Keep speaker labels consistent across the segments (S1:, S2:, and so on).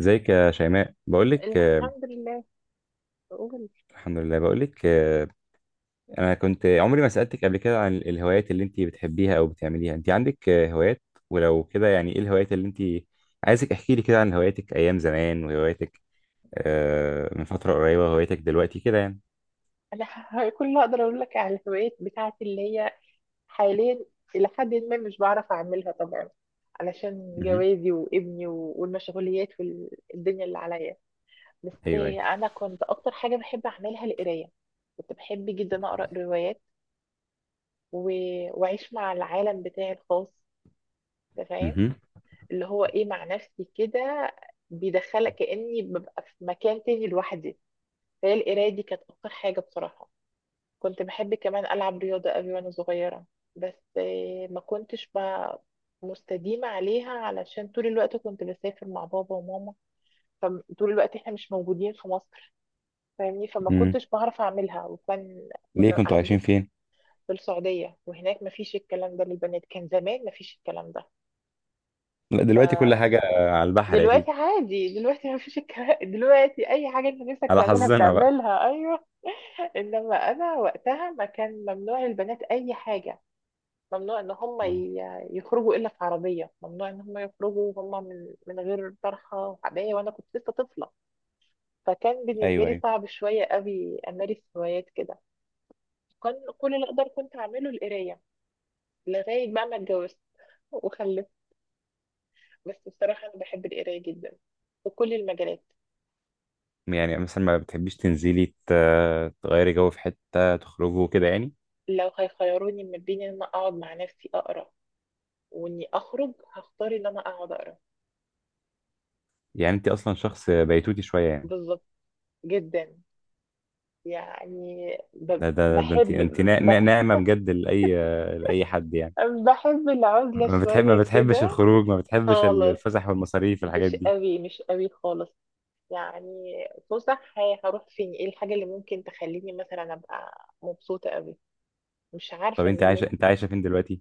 S1: ازيك يا شيماء؟ بقول لك.
S2: الحمد لله. قول.
S1: الحمد لله، بقول لك. انا كنت عمري ما سألتك قبل كده عن الهوايات اللي انت بتحبيها او بتعمليها. انت عندك هوايات ولو كده؟ يعني ايه الهوايات اللي انت... عايزك احكي لي كده عن هواياتك ايام زمان، وهواياتك من فترة قريبة، وهواياتك دلوقتي كده يعني.
S2: كل اللي اقدر اقول لك على الهوايات بتاعتي اللي هي حاليا، الى حد ما مش بعرف اعملها طبعا، علشان
S1: مهم.
S2: جوازي وابني والمشغوليات والدنيا اللي عليا. بس
S1: ايوه ايوه.
S2: انا كنت اكتر حاجه بحب اعملها القرايه. كنت بحب جدا اقرا روايات و... واعيش مع العالم بتاعي الخاص. أنت فاهم؟
S1: مهم.
S2: اللي هو ايه، مع نفسي كده، بيدخلك كاني ببقى في مكان تاني لوحدي. فهي القرايه دي كانت اكتر حاجه بصراحه. كنت بحب كمان ألعب رياضة قوي وأنا صغيرة، بس ما كنتش بقى مستديمة عليها، علشان طول الوقت كنت بسافر مع بابا وماما، فطول الوقت احنا مش موجودين في مصر، فاهمني؟ فما
S1: مم.
S2: كنتش بعرف أعملها، وكان
S1: ليه
S2: كنا
S1: كنتوا عايشين
S2: قاعدين
S1: فين؟
S2: في السعودية، وهناك ما فيش الكلام ده للبنات، كان زمان ما فيش الكلام ده.
S1: لا، دلوقتي كل
S2: فدلوقتي
S1: حاجة على البحر اكيد.
S2: عادي، دلوقتي ما فيش الكلام دلوقتي أي حاجة أنت نفسك
S1: على
S2: تعملها
S1: حظنا بقى.
S2: بتعملها، أيوه. إنما أنا وقتها، ما كان ممنوع للبنات أي حاجة، ممنوع ان هم
S1: مم.
S2: يخرجوا الا في عربيه، ممنوع ان هم يخرجوا هم من غير طرحه وعبايه، وانا كنت لسه طفله. فكان بالنسبه
S1: ايوه
S2: لي
S1: ايوه.
S2: صعب شويه قوي امارس هوايات كده. كان كل اللي اقدر كنت اعمله القرايه، لغايه بقى ما اتجوزت وخلفت. بس بصراحه انا بحب القرايه جدا، في كل المجالات.
S1: يعني مثلا ما بتحبيش تنزلي تغيري جو في حتة، تخرجوا كده يعني؟
S2: لو هيخيروني ما بين ان انا اقعد مع نفسي اقرا واني اخرج، هختار ان انا اقعد اقرا.
S1: يعني انت اصلا شخص بيتوتي شويه يعني.
S2: بالظبط. جدا. يعني ب-
S1: ده انت
S2: بحب
S1: انت
S2: بحب
S1: ناعمه بجد لاي... لاي حد يعني.
S2: بحب العزلة
S1: ما
S2: شوية
S1: بتحبش
S2: كده.
S1: الخروج، ما بتحبش
S2: خالص،
S1: الفسح والمصاريف والحاجات
S2: مش
S1: دي؟
S2: قوي، مش قوي خالص. يعني فسح هروح فين؟ ايه الحاجة اللي ممكن تخليني مثلا ابقى مبسوطة قوي؟ مش
S1: طب
S2: عارفة اني ممكن.
S1: انت عايشه فين دلوقتي؟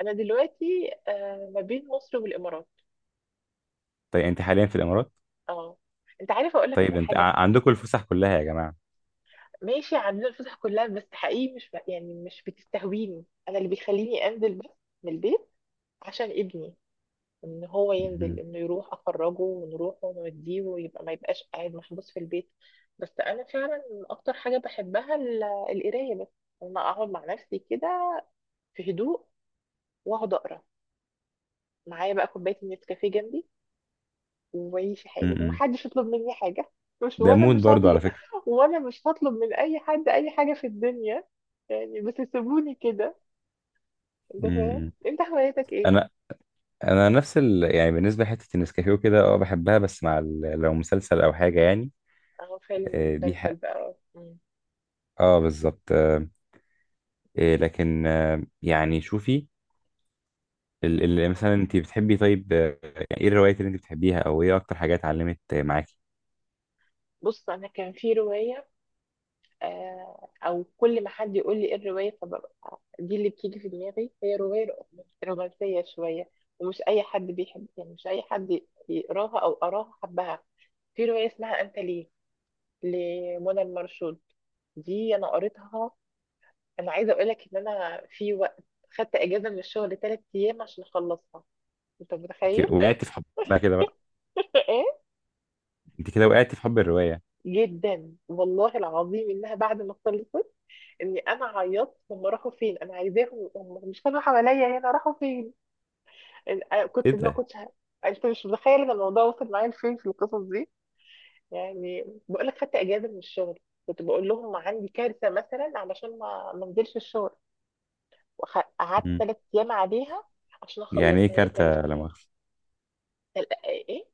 S2: انا دلوقتي آه، ما بين مصر والامارات.
S1: طيب انت حاليا في الامارات؟
S2: اه. انت عارفة اقول لك
S1: طيب
S2: على حاجة؟
S1: عندكم الفسح كلها يا جماعه.
S2: ماشي، عندنا الفسح كلها، بس حقيقي مش ب... يعني مش بتستهويني. انا اللي بيخليني انزل بس من البيت عشان ابني، ان هو ينزل،
S1: مهم.
S2: انه يروح اخرجه ونروح ونوديه، ويبقى ما يبقاش قاعد محبوس في البيت. بس انا فعلا اكتر حاجه بحبها القرايه بس. لما اقعد مع نفسي كده في هدوء واقعد اقرا، معايا بقى كوبايه النسكافيه جنبي، وعيش حالي،
S1: مم.
S2: ومحدش يطلب مني حاجه. مش
S1: ده
S2: وانا
S1: مود
S2: مش
S1: برضو على
S2: هطلب
S1: فكره.
S2: وانا مش هطلب من اي حد اي حاجه في الدنيا. يعني بس سيبوني كده. انت فاهم؟
S1: مم.
S2: انت هوايتك ايه؟
S1: انا انا نفس يعني بالنسبه لحته النسكافيه وكده اه بحبها، بس مع لو مسلسل او حاجه يعني.
S2: اه، فيلم
S1: دي
S2: مسلسل
S1: حق.
S2: بقى. مم.
S1: اه بالظبط. لكن يعني شوفي. ال
S2: مم.
S1: ال يعني مثلا انت بتحبي طيب. ايه الروايات اللي انت بتحبيها او ايه اكتر حاجات علمت معاكي؟
S2: بص، انا كان في روايه، او كل ما حد يقول لي ايه الروايه، فببقى دي اللي بتيجي في دماغي. هي روايه رومانسيه شويه، ومش اي حد بيحب، يعني مش اي حد يقراها او قراها حبها. في روايه اسمها انت ليه، لمنى المرشود. دي انا قريتها. انا عايزه اقول لك ان انا في وقت خدت اجازه من الشغل ثلاث ايام عشان اخلصها. انت
S1: انت
S2: متخيل؟
S1: وقعتي في حب بقى كده بقى؟
S2: ايه.
S1: انت كده وقعتي في حب الرواية.
S2: جدا، والله العظيم، انها بعد ما خلصت، اني انا عيطت. هم راحوا فين؟ انا عايزاهم، هم مش كانوا حواليا هنا، راحوا فين؟ أنا
S1: ايه
S2: كنت ما
S1: ده؟
S2: كنتش ه- انت مش متخيل ان الموضوع وصل معايا لفين في القصص دي. يعني بقول لك خدت اجازه من الشغل، كنت بقول لهم عندي كارثه مثلا، علشان ما انزلش الشغل. وقعدت
S1: مم.
S2: ثلاث ايام عليها عشان
S1: يعني
S2: اخلصها.
S1: ايه
S2: هي كانت
S1: كارتة، لا
S2: فيها
S1: مؤاخذة؟
S2: تل- ايه إيه؟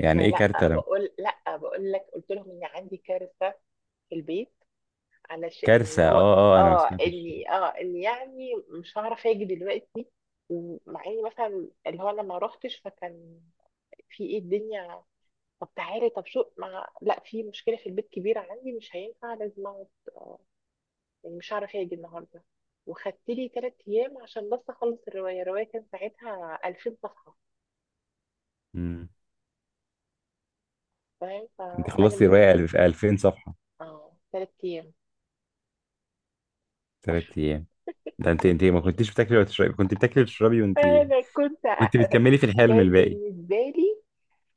S1: يعني ايه كارتة
S2: لا
S1: لم...
S2: بقول، لا بقول لك قلت لهم ان عندي كارثه في البيت، علشان اللي
S1: كارثة؟
S2: هو
S1: اه اه، انا ما
S2: اه
S1: سمعتش.
S2: اني اه اني يعني مش هعرف اجي دلوقتي. ومع اني مثلا اللي هو انا ما روحتش، فكان في ايه الدنيا؟ طب تعالي، طب شو ما لا، في مشكله في البيت كبيره عندي، مش هينفع لازم اقعد. آه، يعني مش هعرف اجي النهارده. وخدت لي ثلاث ايام عشان بس اخلص الروايه. الروايه كان ساعتها 2000 صفحه.
S1: مم.
S2: فاهم؟
S1: انت
S2: فانا
S1: خلصتي
S2: من،
S1: رواية في 2000 صفحة؟
S2: اه، ثلاث ايام.
S1: ثلاث ايام. ده انت ما كنتيش بتاكلي وتشربي؟ كنت بتاكلي وتشربي وانت
S2: انا كنت
S1: كنت
S2: أ-
S1: بتكملي في الحلم
S2: كانت
S1: الباقي؟
S2: بالنسبه لي،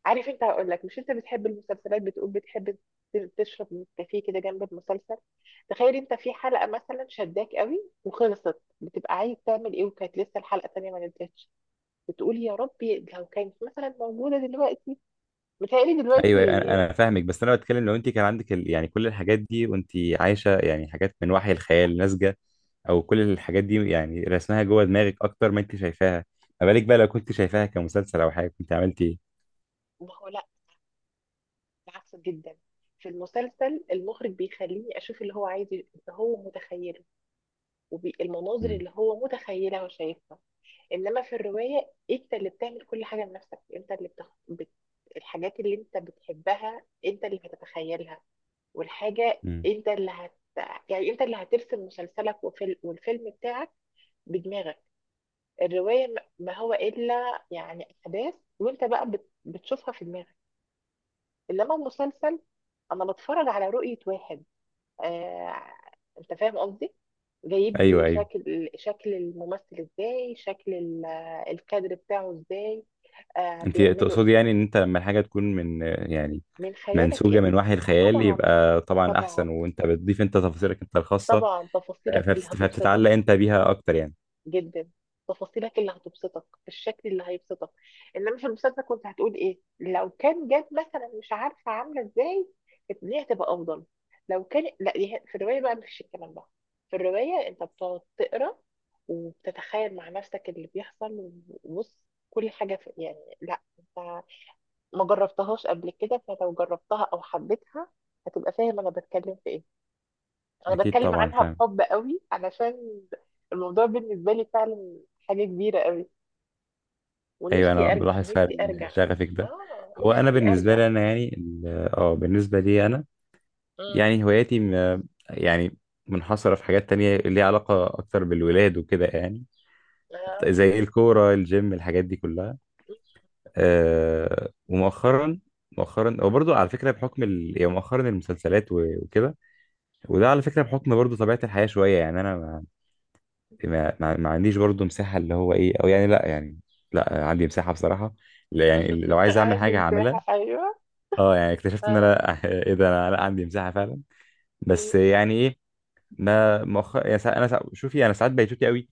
S2: عارف انت، هقول لك: مش انت بتحب المسلسلات؟ بتقول بتحب تشرب نسكافيه كده جنب المسلسل، تخيل انت في حلقه مثلا شداك قوي، وخلصت بتبقى عايز تعمل ايه؟ وكانت لسه الحلقه الثانيه ما نزلتش. بتقول يا ربي لو كانت مثلا موجوده دلوقتي. متهيألي دلوقتي.
S1: ايوه أيوة، انا فاهمك، بس انا بتكلم لو انت كان عندك يعني كل الحاجات دي، وانت عايشه يعني حاجات من وحي الخيال ناتجه، او كل الحاجات دي يعني رسمها جوه دماغك اكتر ما انت شايفاها. ما بالك بقى لو كنت شايفاها كمسلسل او حاجه، كنت عملتي ايه؟
S2: ما هو لا، بالعكس جدا. في المسلسل المخرج بيخليني اشوف اللي هو عايز، اللي هو متخيله، والمناظر
S1: مم،
S2: اللي هو متخيلها وشايفها. انما في الروايه انت اللي بتعمل كل حاجه لنفسك. انت اللي بتخ... بت... الحاجات اللي انت بتحبها انت اللي هتتخيلها، والحاجه
S1: مم.
S2: انت اللي هت، يعني انت اللي هترسم مسلسلك والفيلم بتاعك بدماغك. الرواية ما هو إلا يعني أحداث، وأنت بقى بتشوفها في دماغك. إنما المسلسل أنا بتفرج على رؤية واحد. آه. أنت فاهم قصدي؟ جايب
S1: ايوه
S2: لي
S1: ايوه.
S2: شكل، شكل الممثل إزاي، شكل الكادر بتاعه إزاي، آه،
S1: انت
S2: بيعمله.
S1: تقصدي يعني ان انت لما الحاجه تكون من... يعني
S2: من خيالك
S1: منسوجه من
S2: أنت.
S1: وحي الخيال
S2: طبعا،
S1: يبقى طبعا احسن،
S2: طبعا،
S1: وانت بتضيف انت تفاصيلك انت الخاصه،
S2: طبعا، تفاصيلك اللي هتبسطك.
S1: فبتتعلق انت بيها اكتر يعني.
S2: جدا. تفاصيلك اللي هتبسطك، الشكل اللي هيبسطك. انما في المسلسل كنت هتقول ايه لو كان جاب مثلا مش عارفه عامله ازاي، دي هتبقى افضل لو كان؟ لا، دي في الروايه بقى مفيش الكلام ده. في الروايه انت بتقعد تقرا، وبتتخيل مع نفسك اللي بيحصل. وبص، كل حاجه في، يعني لا، انت ما جربتهاش قبل كده، فلو جربتها او حبيتها هتبقى فاهم انا بتكلم في ايه. انا
S1: اكيد
S2: بتكلم
S1: طبعا،
S2: عنها
S1: فاهم.
S2: بحب قوي، علشان الموضوع بالنسبه لي فعلا حاجه كبيره قوي.
S1: ايوه، انا
S2: ونفسي ارجع،
S1: بلاحظ
S2: نفسي
S1: فعلا
S2: ارجع.
S1: شغفك ده.
S2: اه،
S1: هو انا
S2: نفسي
S1: بالنسبه
S2: ارجع.
S1: لي انا يعني اه بالنسبه لي انا
S2: مم.
S1: يعني يعني منحصره في حاجات تانية ليها علاقه اكتر بالولاد وكده يعني.
S2: آه.
S1: زي الكوره، الجيم، الحاجات دي كلها. ومؤخرا، مؤخرا وبرضه على فكره بحكم يعني مؤخرا المسلسلات وكده. وده على فكره بحكم برضه طبيعه الحياه شويه، يعني انا ما... ما عنديش برضه مساحه اللي هو ايه، او يعني لا، يعني لا، عندي مساحه بصراحه، لا يعني لو عايز اعمل حاجه
S2: عندي
S1: هعملها.
S2: مساحه، ايوه.
S1: اه يعني اكتشفت ان انا
S2: اه.
S1: لا، ايه ده، انا لا، عندي مساحه فعلا. بس
S2: مم.
S1: يعني ايه. ما مؤخر يعني ساعات انا ساعات، شوفي انا ساعات بيتوتي قوي،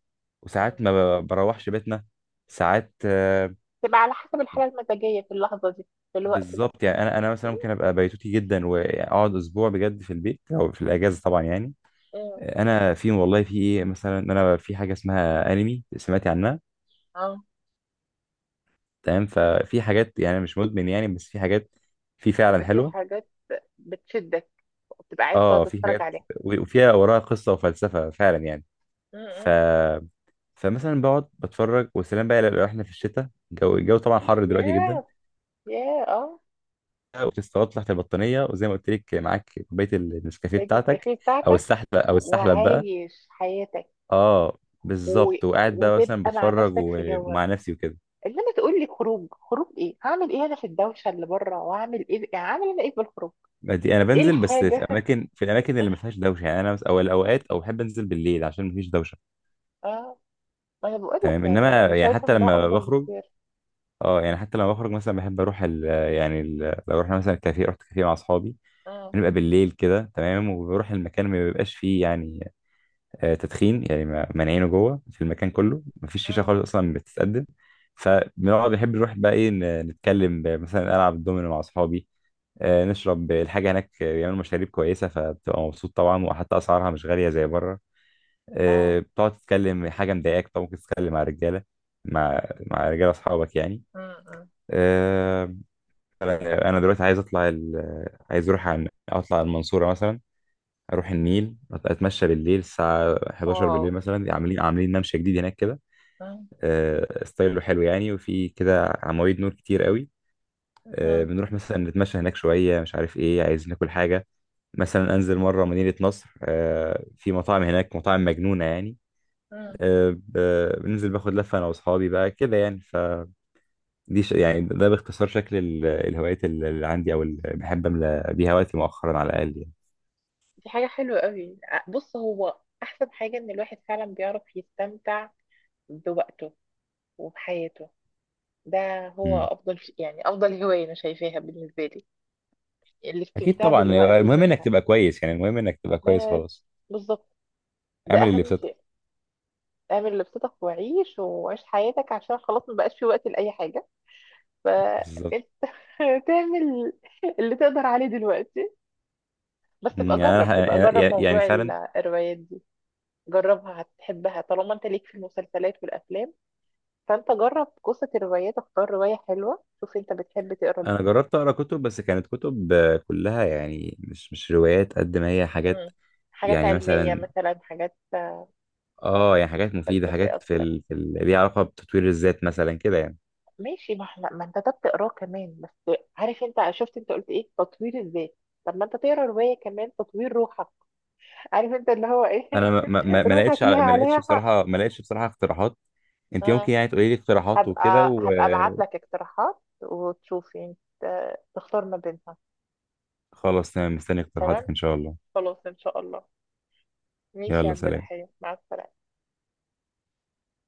S2: مم.
S1: وساعات ما ب- بروحش بيتنا. ساعات.
S2: تبقى على حسب الحاله المزاجيه في اللحظه دي، في الوقت ده.
S1: بالظبط، يعني انا مثلا
S2: مم.
S1: ممكن ابقى بيتوتي جدا، واقعد اسبوع بجد في البيت او في الاجازه طبعا يعني.
S2: مم.
S1: انا في والله في ايه مثلا، إن انا في حاجه اسمها انمي، سمعتي عنها؟
S2: اه،
S1: تمام، ففي حاجات يعني مش مدمن يعني، بس في حاجات في فعلا
S2: بتبقى في
S1: حلوه.
S2: حاجات بتشدك، وبتبقى عايز تقعد
S1: اه في
S2: تتفرج
S1: حاجات
S2: عليها.
S1: وفيها وراها قصه وفلسفه فعلا يعني.
S2: مم.
S1: ف
S2: مم.
S1: فمثلا بقعد بتفرج وسلام بقى. لو احنا في الشتاء، الجو طبعا حر دلوقتي جدا،
S2: ياه. ياه، اه.
S1: وتستغطى تحت البطانيه وزي ما قلت لك معاك كوبايه النسكافيه بتاعتك،
S2: النسكافيه بتاعتك،
S1: او السحلب بقى.
S2: وعايش حياتك.
S1: اه
S2: و...
S1: بالظبط، وقاعد بقى مثلا
S2: وتبقى مع
S1: بتفرج
S2: نفسك في جوك.
S1: ومع نفسي وكده.
S2: انما تقول لي خروج، خروج ايه؟ هعمل ايه انا في الدوشه اللي بره؟ وهعمل ايه؟ يعني هعمل انا ايه بالخروج؟
S1: دي انا
S2: ايه
S1: بنزل بس في
S2: الحاجه؟
S1: اماكن في الاماكن اللي ما فيهاش دوشه، يعني انا او الاوقات، او بحب انزل بالليل عشان ما فيش دوشه.
S2: اه، ما انا بقول لك،
S1: تمام،
S2: يعني
S1: انما
S2: انا
S1: يعني
S2: شايفه
S1: حتى
S2: ان ده
S1: لما
S2: افضل
S1: بخرج.
S2: بكتير.
S1: اه يعني حتى لما بخرج مثلا بحب اروح يعني لو رحنا مثلا كافيه، رحت كافيه مع اصحابي،
S2: مم.
S1: بنبقى بالليل كده تمام، وبروح المكان ما بيبقاش فيه يعني تدخين، يعني مانعينه جوه في المكان كله، ما فيش شيشه
S2: مم.
S1: خالص اصلا بتتقدم. فبنقعد بنحب نروح بقى ايه، نتكلم، مثلا العب الدومينو مع اصحابي، نشرب الحاجه هناك، بيعملوا مشاريب كويسه فبتبقى مبسوط طبعا، وحتى اسعارها مش غاليه زي بره.
S2: اه.
S1: بتقعد تتكلم حاجه مضايقاك، طب ممكن تتكلم مع رجاله، مع مع رجاله اصحابك يعني.
S2: مم. مم.
S1: آه، انا دلوقتي عايز اطلع عايز اطلع المنصوره مثلا، اروح النيل اتمشى بالليل الساعه 11
S2: واو.
S1: بالليل مثلا، عاملين ممشى جديد هناك كده.
S2: مم.
S1: ستايله حلو يعني، وفي كده عواميد نور كتير قوي.
S2: مم.
S1: بنروح مثلا نتمشى هناك شويه، مش عارف ايه، عايز ناكل حاجه مثلا، انزل مره مدينه نصر، في مطاعم هناك مطاعم مجنونه يعني.
S2: مم.
S1: بننزل باخد لفه انا واصحابي بقى كده يعني. فدي يعني ده باختصار شكل الهوايات اللي عندي، او اللي بحب املى بيها وقتي مؤخرا على الاقل
S2: دي حاجه حلوه قوي. ع- بص، هو احسن حاجه ان الواحد فعلا بيعرف يستمتع بوقته وبحياته. ده هو
S1: يعني.
S2: افضل، يعني افضل هوايه انا شايفاها بالنسبه لي،
S1: اكيد
S2: الاستمتاع
S1: طبعا.
S2: بالوقت
S1: المهم انك
S2: وبالحياه.
S1: تبقى كويس، يعني المهم انك تبقى كويس
S2: بس.
S1: خلاص.
S2: بالظبط. ده
S1: اعمل اللي
S2: اهم
S1: بسطك.
S2: شيء. اعمل لبستك وعيش، وعيش حياتك، عشان خلاص ما بقاش في وقت لاي حاجه.
S1: بالظبط.
S2: فانت تعمل اللي تقدر عليه دلوقتي. بس ابقى
S1: يعني انا
S2: جرب، ابقى جرب
S1: يعني
S2: موضوع
S1: فعلا.
S2: الروايات دي. جربها هتحبها، طالما انت ليك في المسلسلات والافلام، فانت جرب قصه الروايات. اختار روايه حلوه، شوف انت بتحب تقرا.
S1: انا جربت اقرا كتب، بس كانت كتب كلها يعني مش روايات، قد ما هي حاجات
S2: مم. حاجات
S1: يعني
S2: علميه
S1: مثلا،
S2: مثلا، حاجات
S1: اه يعني حاجات مفيده،
S2: فلسفيه
S1: حاجات
S2: اكتر.
S1: في ليها علاقه بتطوير الذات مثلا كده يعني.
S2: ماشي، ما احنا، ما انت ده بتقراه كمان. بس عارف انت، شفت انت قلت ايه؟ تطوير الذات. طب ما انت تقرا روايه كمان، تطوير روحك. عارف انت اللي هو ايه؟
S1: انا ما ما ما ما
S2: روحك
S1: لقيتش
S2: ليها عليها حق.
S1: ما لقيتش بصراحه اقتراحات. انت ممكن
S2: اه،
S1: يعني تقولي لي اقتراحات وكده؟
S2: هبقى ابعت لك اقتراحات وتشوفي انت تختار ما بينها.
S1: وخلاص تمام، مستني اقتراحاتك
S2: تمام،
S1: ان شاء الله.
S2: خلاص ان شاء الله. ماشي يا
S1: يلا
S2: عبد
S1: سلام.
S2: الرحيم، مع السلامه.